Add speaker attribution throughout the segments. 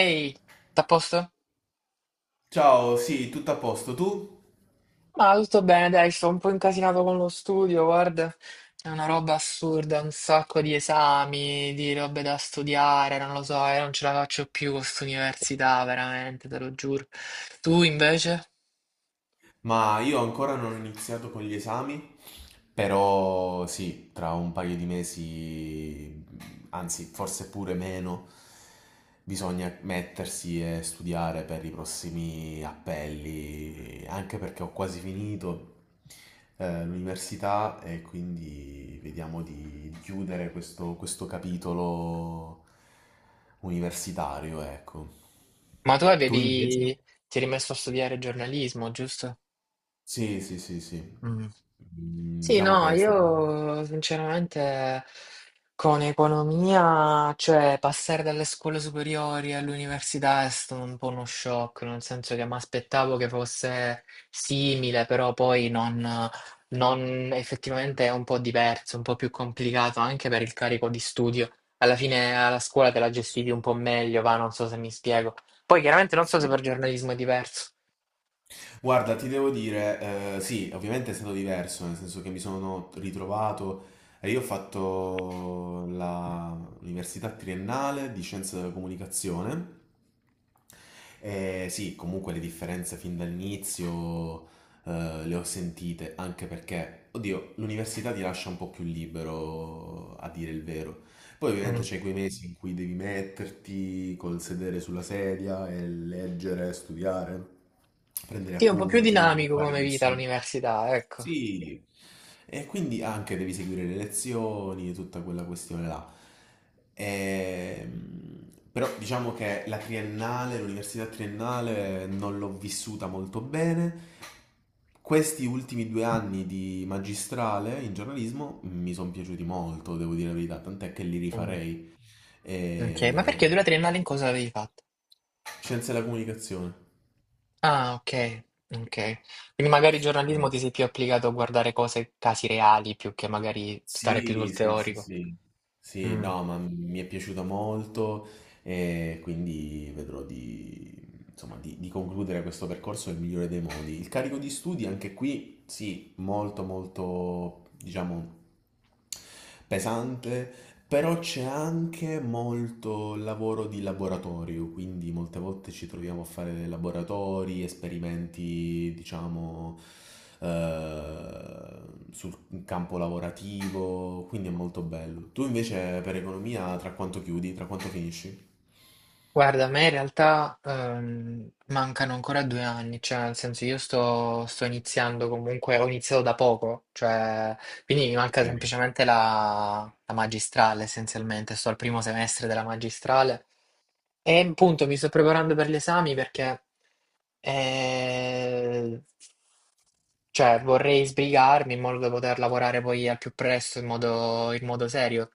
Speaker 1: Ehi, t'à posto?
Speaker 2: Ciao, sì, tutto a posto tu?
Speaker 1: Ma tutto bene, dai, sto un po' incasinato con lo studio, guarda. È una roba assurda, un sacco di esami, di robe da studiare, non lo so, io non ce la faccio più con quest'università, veramente, te lo giuro. Tu invece?
Speaker 2: Ma io ancora non ho iniziato con gli esami, però sì, tra un paio di mesi, anzi forse pure meno, bisogna mettersi e studiare per i prossimi appelli, anche perché ho quasi finito l'università e quindi vediamo di chiudere questo capitolo universitario, ecco.
Speaker 1: Ma tu
Speaker 2: Tu invece?
Speaker 1: avevi... ti eri messo a studiare giornalismo, giusto?
Speaker 2: Sì, sì, sì, sì.
Speaker 1: Mm.
Speaker 2: Mm,
Speaker 1: Sì,
Speaker 2: diciamo
Speaker 1: no,
Speaker 2: che è stato...
Speaker 1: io sinceramente con economia, cioè passare dalle scuole superiori all'università è stato un po' uno shock, nel senso che mi aspettavo che fosse simile, però poi effettivamente è un po' diverso, un po' più complicato anche per il carico di studio. Alla fine alla scuola te la gestivi un po' meglio, va, non so se mi spiego. Poi chiaramente non so se
Speaker 2: sì.
Speaker 1: per giornalismo è diverso.
Speaker 2: Guarda, ti devo dire, sì, ovviamente è stato diverso, nel senso che mi sono ritrovato... e io ho fatto l'università triennale di scienze della comunicazione. E sì, comunque le differenze fin dall'inizio le ho sentite, anche perché, oddio, l'università ti lascia un po' più libero a dire il vero. Poi ovviamente
Speaker 1: Mm.
Speaker 2: c'è quei mesi in cui devi metterti col sedere sulla sedia e leggere, studiare, prendere
Speaker 1: Sì, è un po' più
Speaker 2: appunti,
Speaker 1: dinamico
Speaker 2: fare
Speaker 1: come vita
Speaker 2: nessuno.
Speaker 1: l'università, ecco.
Speaker 2: Sì, e quindi anche devi seguire le lezioni e tutta quella questione là. Ehm, Però diciamo che la triennale, l'università triennale non l'ho vissuta molto bene. Questi ultimi due anni di magistrale in giornalismo mi sono piaciuti molto, devo dire la verità, tant'è che li
Speaker 1: Mm,
Speaker 2: rifarei.
Speaker 1: ok, ma
Speaker 2: E...
Speaker 1: perché tu la triennale in cosa l'avevi fatta?
Speaker 2: scienze della comunicazione.
Speaker 1: Ah, ok, ok. Quindi magari il giornalismo ti sei più applicato a guardare cose, casi reali, più che magari stare più
Speaker 2: Sì,
Speaker 1: sul
Speaker 2: sì, sì,
Speaker 1: teorico.
Speaker 2: sì, sì,
Speaker 1: Mm.
Speaker 2: no, ma mi è piaciuta molto e quindi vedrò insomma, di concludere questo percorso nel migliore dei modi. Il carico di studi anche qui, sì, molto molto, diciamo, pesante, però c'è anche molto lavoro di laboratorio, quindi molte volte ci troviamo a fare laboratori, esperimenti, diciamo, eh, sul campo lavorativo, quindi è molto bello. Tu invece per economia tra quanto chiudi, tra quanto finisci?
Speaker 1: Guarda, a me in realtà mancano ancora due anni, cioè nel senso io sto, iniziando comunque, ho iniziato da poco, cioè quindi mi manca
Speaker 2: Eh,
Speaker 1: semplicemente la magistrale essenzialmente, sto al primo semestre della magistrale e appunto mi sto preparando per gli esami perché eh, cioè, vorrei sbrigarmi in modo da poter lavorare poi al più presto in modo serio.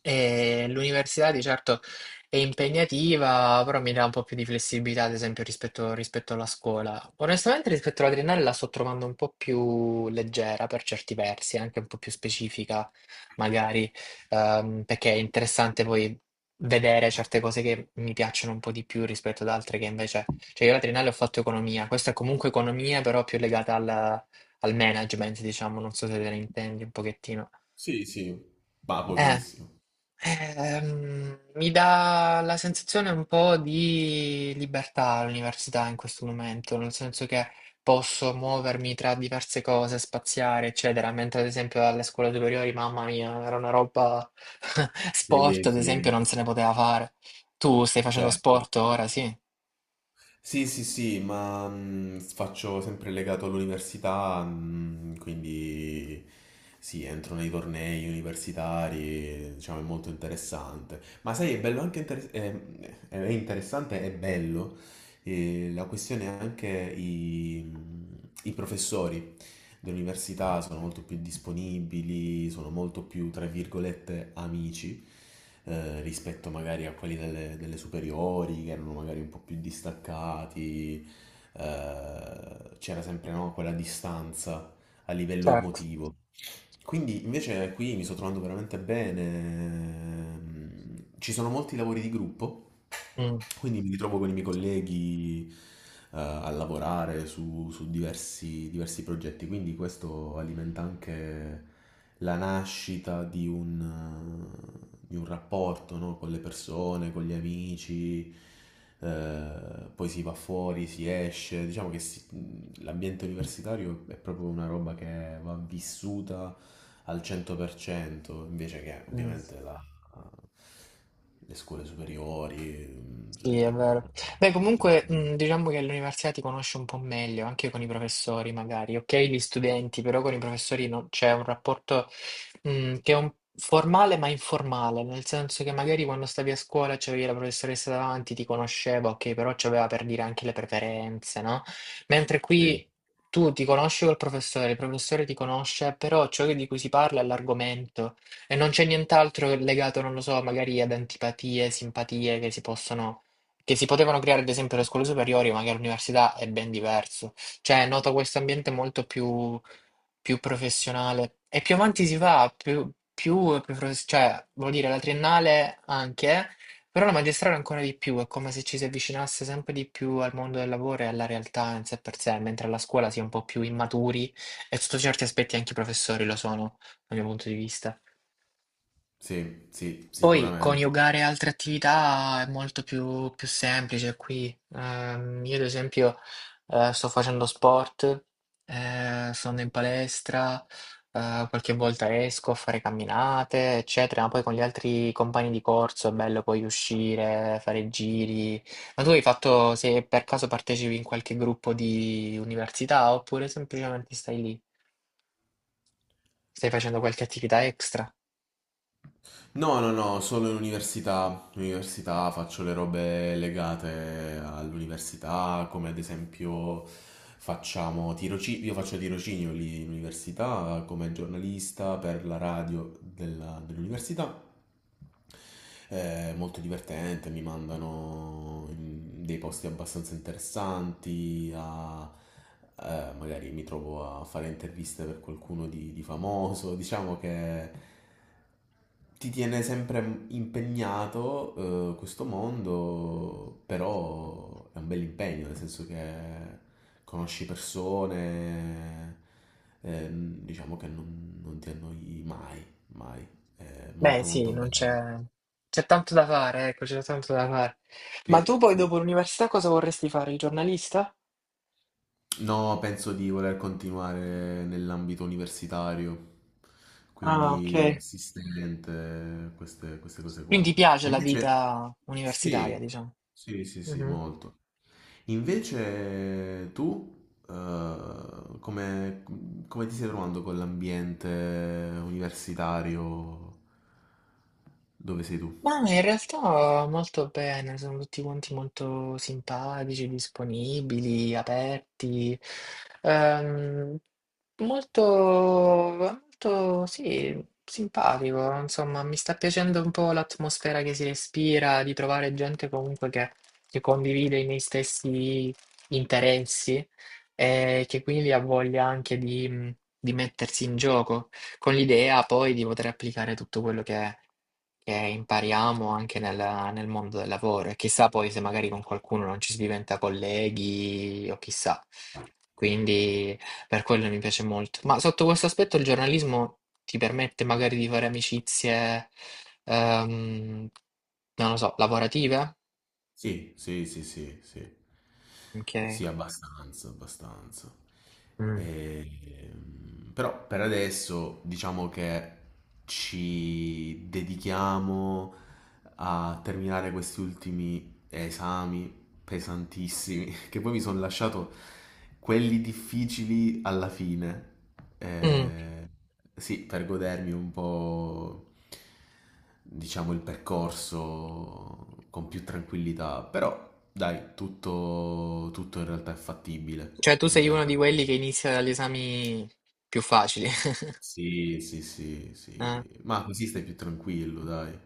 Speaker 1: E l'università di certo è impegnativa, però mi dà un po' più di flessibilità, ad esempio, rispetto alla scuola. Onestamente, rispetto all'adriennale la sto trovando un po' più leggera per certi versi, anche un po' più specifica, magari, perché è interessante poi vedere certe cose che mi piacciono un po' di più rispetto ad altre che invece... Cioè, io all'adriennale ho fatto economia, questa è comunque economia, però più legata al management, diciamo, non so se te ne intendi un pochettino.
Speaker 2: Sì, sì, ma
Speaker 1: Eh,
Speaker 2: pochissimo.
Speaker 1: Mi dà la sensazione un po' di libertà l'università in questo momento, nel senso che posso muovermi tra diverse cose, spaziare, eccetera, mentre ad esempio alle scuole superiori, mamma mia, era una roba sport,
Speaker 2: Sì,
Speaker 1: ad
Speaker 2: sì,
Speaker 1: esempio, non se ne poteva fare. Tu stai facendo
Speaker 2: certo.
Speaker 1: sport ora, sì?
Speaker 2: Sì, sì, sì, ma faccio sempre legato all'università, quindi sì, entro nei tornei universitari, diciamo, è molto interessante. Ma sai, è bello anche è interessante, è bello e la questione è anche i, i professori dell'università sono molto più disponibili, sono molto più, tra virgolette, amici rispetto magari a quelli delle superiori che erano magari un po' più distaccati, c'era sempre no, quella distanza a livello
Speaker 1: Certo.
Speaker 2: emotivo. Quindi invece qui mi sto trovando veramente bene. Ci sono molti lavori di gruppo,
Speaker 1: Mm,
Speaker 2: quindi mi ritrovo con i miei colleghi a lavorare su, su diversi, diversi progetti, quindi questo alimenta anche la nascita di di un rapporto, no? Con le persone, con gli amici, poi si va fuori, si esce, diciamo che l'ambiente universitario è proprio una roba che va vissuta al 100%, invece che
Speaker 1: mm.
Speaker 2: ovviamente la le scuole superiori. Mm,
Speaker 1: Sì, è
Speaker 2: cioè,
Speaker 1: vero. Beh, comunque,
Speaker 2: mm,
Speaker 1: diciamo che all'università ti conosci un po' meglio, anche con i professori, magari. Ok, gli studenti, però con i professori c'è un rapporto, che è formale ma informale, nel senso che magari quando stavi a scuola c'avevi la professoressa davanti, ti conosceva, ok, però c'aveva per dire anche le preferenze, no? Mentre
Speaker 2: sì.
Speaker 1: qui tu ti conosci col professore, il professore ti conosce, però ciò di cui si parla è l'argomento. E non c'è nient'altro legato, non lo so, magari ad antipatie, simpatie che si potevano creare ad esempio le scuole superiori, ma che all'università è ben diverso. Cioè, noto questo ambiente molto più, più professionale. E più avanti si va, cioè, vuol dire la triennale anche, però la magistrale ancora di più, è come se ci si avvicinasse sempre di più al mondo del lavoro e alla realtà in sé per sé, mentre alla scuola si è un po' più immaturi e sotto certi aspetti anche i professori lo sono, dal mio punto di vista.
Speaker 2: Sì, sì,
Speaker 1: Poi
Speaker 2: sicuramente.
Speaker 1: coniugare altre attività è molto più, più semplice qui. Io ad esempio sto facendo sport, sono in palestra, qualche volta esco a fare camminate, eccetera, ma poi con gli altri compagni di corso è bello poi uscire, fare giri. Ma tu hai fatto, se per caso partecipi in qualche gruppo di università oppure semplicemente stai lì, stai facendo qualche attività extra?
Speaker 2: No, no, no, solo in università. In università faccio le robe legate all'università, come ad esempio facciamo tirocinio, io faccio tirocinio lì in università come giornalista per la radio dell'università. È molto divertente, mi mandano in dei posti abbastanza interessanti, magari mi trovo a fare interviste per qualcuno di famoso, diciamo che ti tiene sempre impegnato, questo mondo, però è un bel impegno, nel senso che conosci persone, diciamo che non ti annoi mai, mai, è
Speaker 1: Beh,
Speaker 2: molto molto
Speaker 1: sì, non
Speaker 2: bello.
Speaker 1: c'è c'è tanto da fare, ecco, c'è tanto da fare. Ma
Speaker 2: Sì,
Speaker 1: tu poi dopo
Speaker 2: sì.
Speaker 1: l'università cosa vorresti fare? Il giornalista?
Speaker 2: No, penso di voler continuare nell'ambito universitario,
Speaker 1: Ah, ok.
Speaker 2: quindi assistente, queste cose
Speaker 1: Quindi
Speaker 2: qua.
Speaker 1: ti piace
Speaker 2: E
Speaker 1: la
Speaker 2: invece,
Speaker 1: vita universitaria,
Speaker 2: sì,
Speaker 1: diciamo.
Speaker 2: sì, sì, sì,
Speaker 1: Mhm.
Speaker 2: molto. Invece tu, come ti stai trovando con l'ambiente universitario? Dove sei tu?
Speaker 1: Ma in realtà molto bene, sono tutti quanti molto simpatici, disponibili, aperti, ehm, molto, molto, sì, simpatico, insomma, mi sta piacendo un po' l'atmosfera che si respira, di trovare gente comunque che condivide i miei stessi interessi e che quindi ha voglia anche di mettersi in gioco, con l'idea poi di poter applicare tutto quello che impariamo anche nel mondo del lavoro e chissà poi se magari con qualcuno non ci si diventa colleghi o chissà. Quindi per quello mi piace molto. Ma sotto questo aspetto il giornalismo ti permette magari di fare amicizie, ehm, non lo so, lavorative?
Speaker 2: Sì, sì, sì, sì, sì.
Speaker 1: Ok.
Speaker 2: Sì, abbastanza, abbastanza.
Speaker 1: Mm.
Speaker 2: Però per adesso diciamo che ci dedichiamo a terminare questi ultimi esami pesantissimi, che poi mi sono lasciato quelli difficili alla fine.
Speaker 1: Mm.
Speaker 2: Eh, sì, per godermi un po', diciamo, il percorso con più tranquillità. Però, dai, tutto, tutto in realtà è fattibile.
Speaker 1: Cioè tu
Speaker 2: In
Speaker 1: sei uno
Speaker 2: realtà.
Speaker 1: di quelli che inizia dagli esami più facili.
Speaker 2: Sì, sì, sì,
Speaker 1: Eh,
Speaker 2: sì. Ma così stai più tranquillo, dai.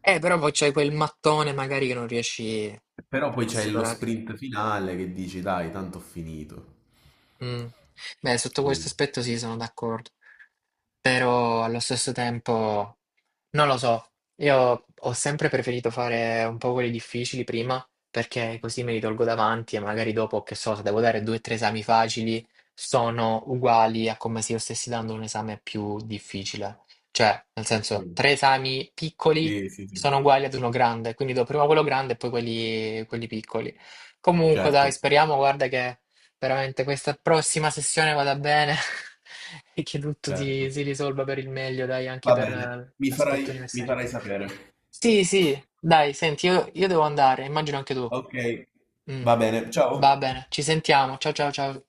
Speaker 1: Però poi c'è quel mattone magari che non riesci
Speaker 2: Però poi
Speaker 1: a
Speaker 2: c'è lo
Speaker 1: superare.
Speaker 2: sprint finale che dici, dai, tanto ho finito.
Speaker 1: Mm. Beh, sotto questo
Speaker 2: Quindi-
Speaker 1: aspetto sì, sono d'accordo, però allo stesso tempo non lo so, io ho sempre preferito fare un po' quelli difficili prima perché così me li tolgo davanti e magari dopo, che so, se devo dare due o tre esami facili sono uguali a come se io stessi dando un esame più difficile. Cioè, nel senso, tre esami piccoli
Speaker 2: sì, sì, sì.
Speaker 1: sono uguali ad uno grande, quindi do prima quello grande e poi quelli piccoli. Comunque, dai,
Speaker 2: Certo.
Speaker 1: speriamo, guarda che... Veramente questa prossima sessione vada bene e che tutto si,
Speaker 2: Certo,
Speaker 1: si risolva per il meglio, dai, anche
Speaker 2: va
Speaker 1: per
Speaker 2: bene, mi farai
Speaker 1: l'aspetto
Speaker 2: mi
Speaker 1: universitario.
Speaker 2: farai sapere.
Speaker 1: Sì, sì, dai, senti, io devo andare, immagino anche tu.
Speaker 2: Okay,
Speaker 1: Mm.
Speaker 2: va bene, ciao.
Speaker 1: Va bene, ci sentiamo. Ciao, ciao, ciao.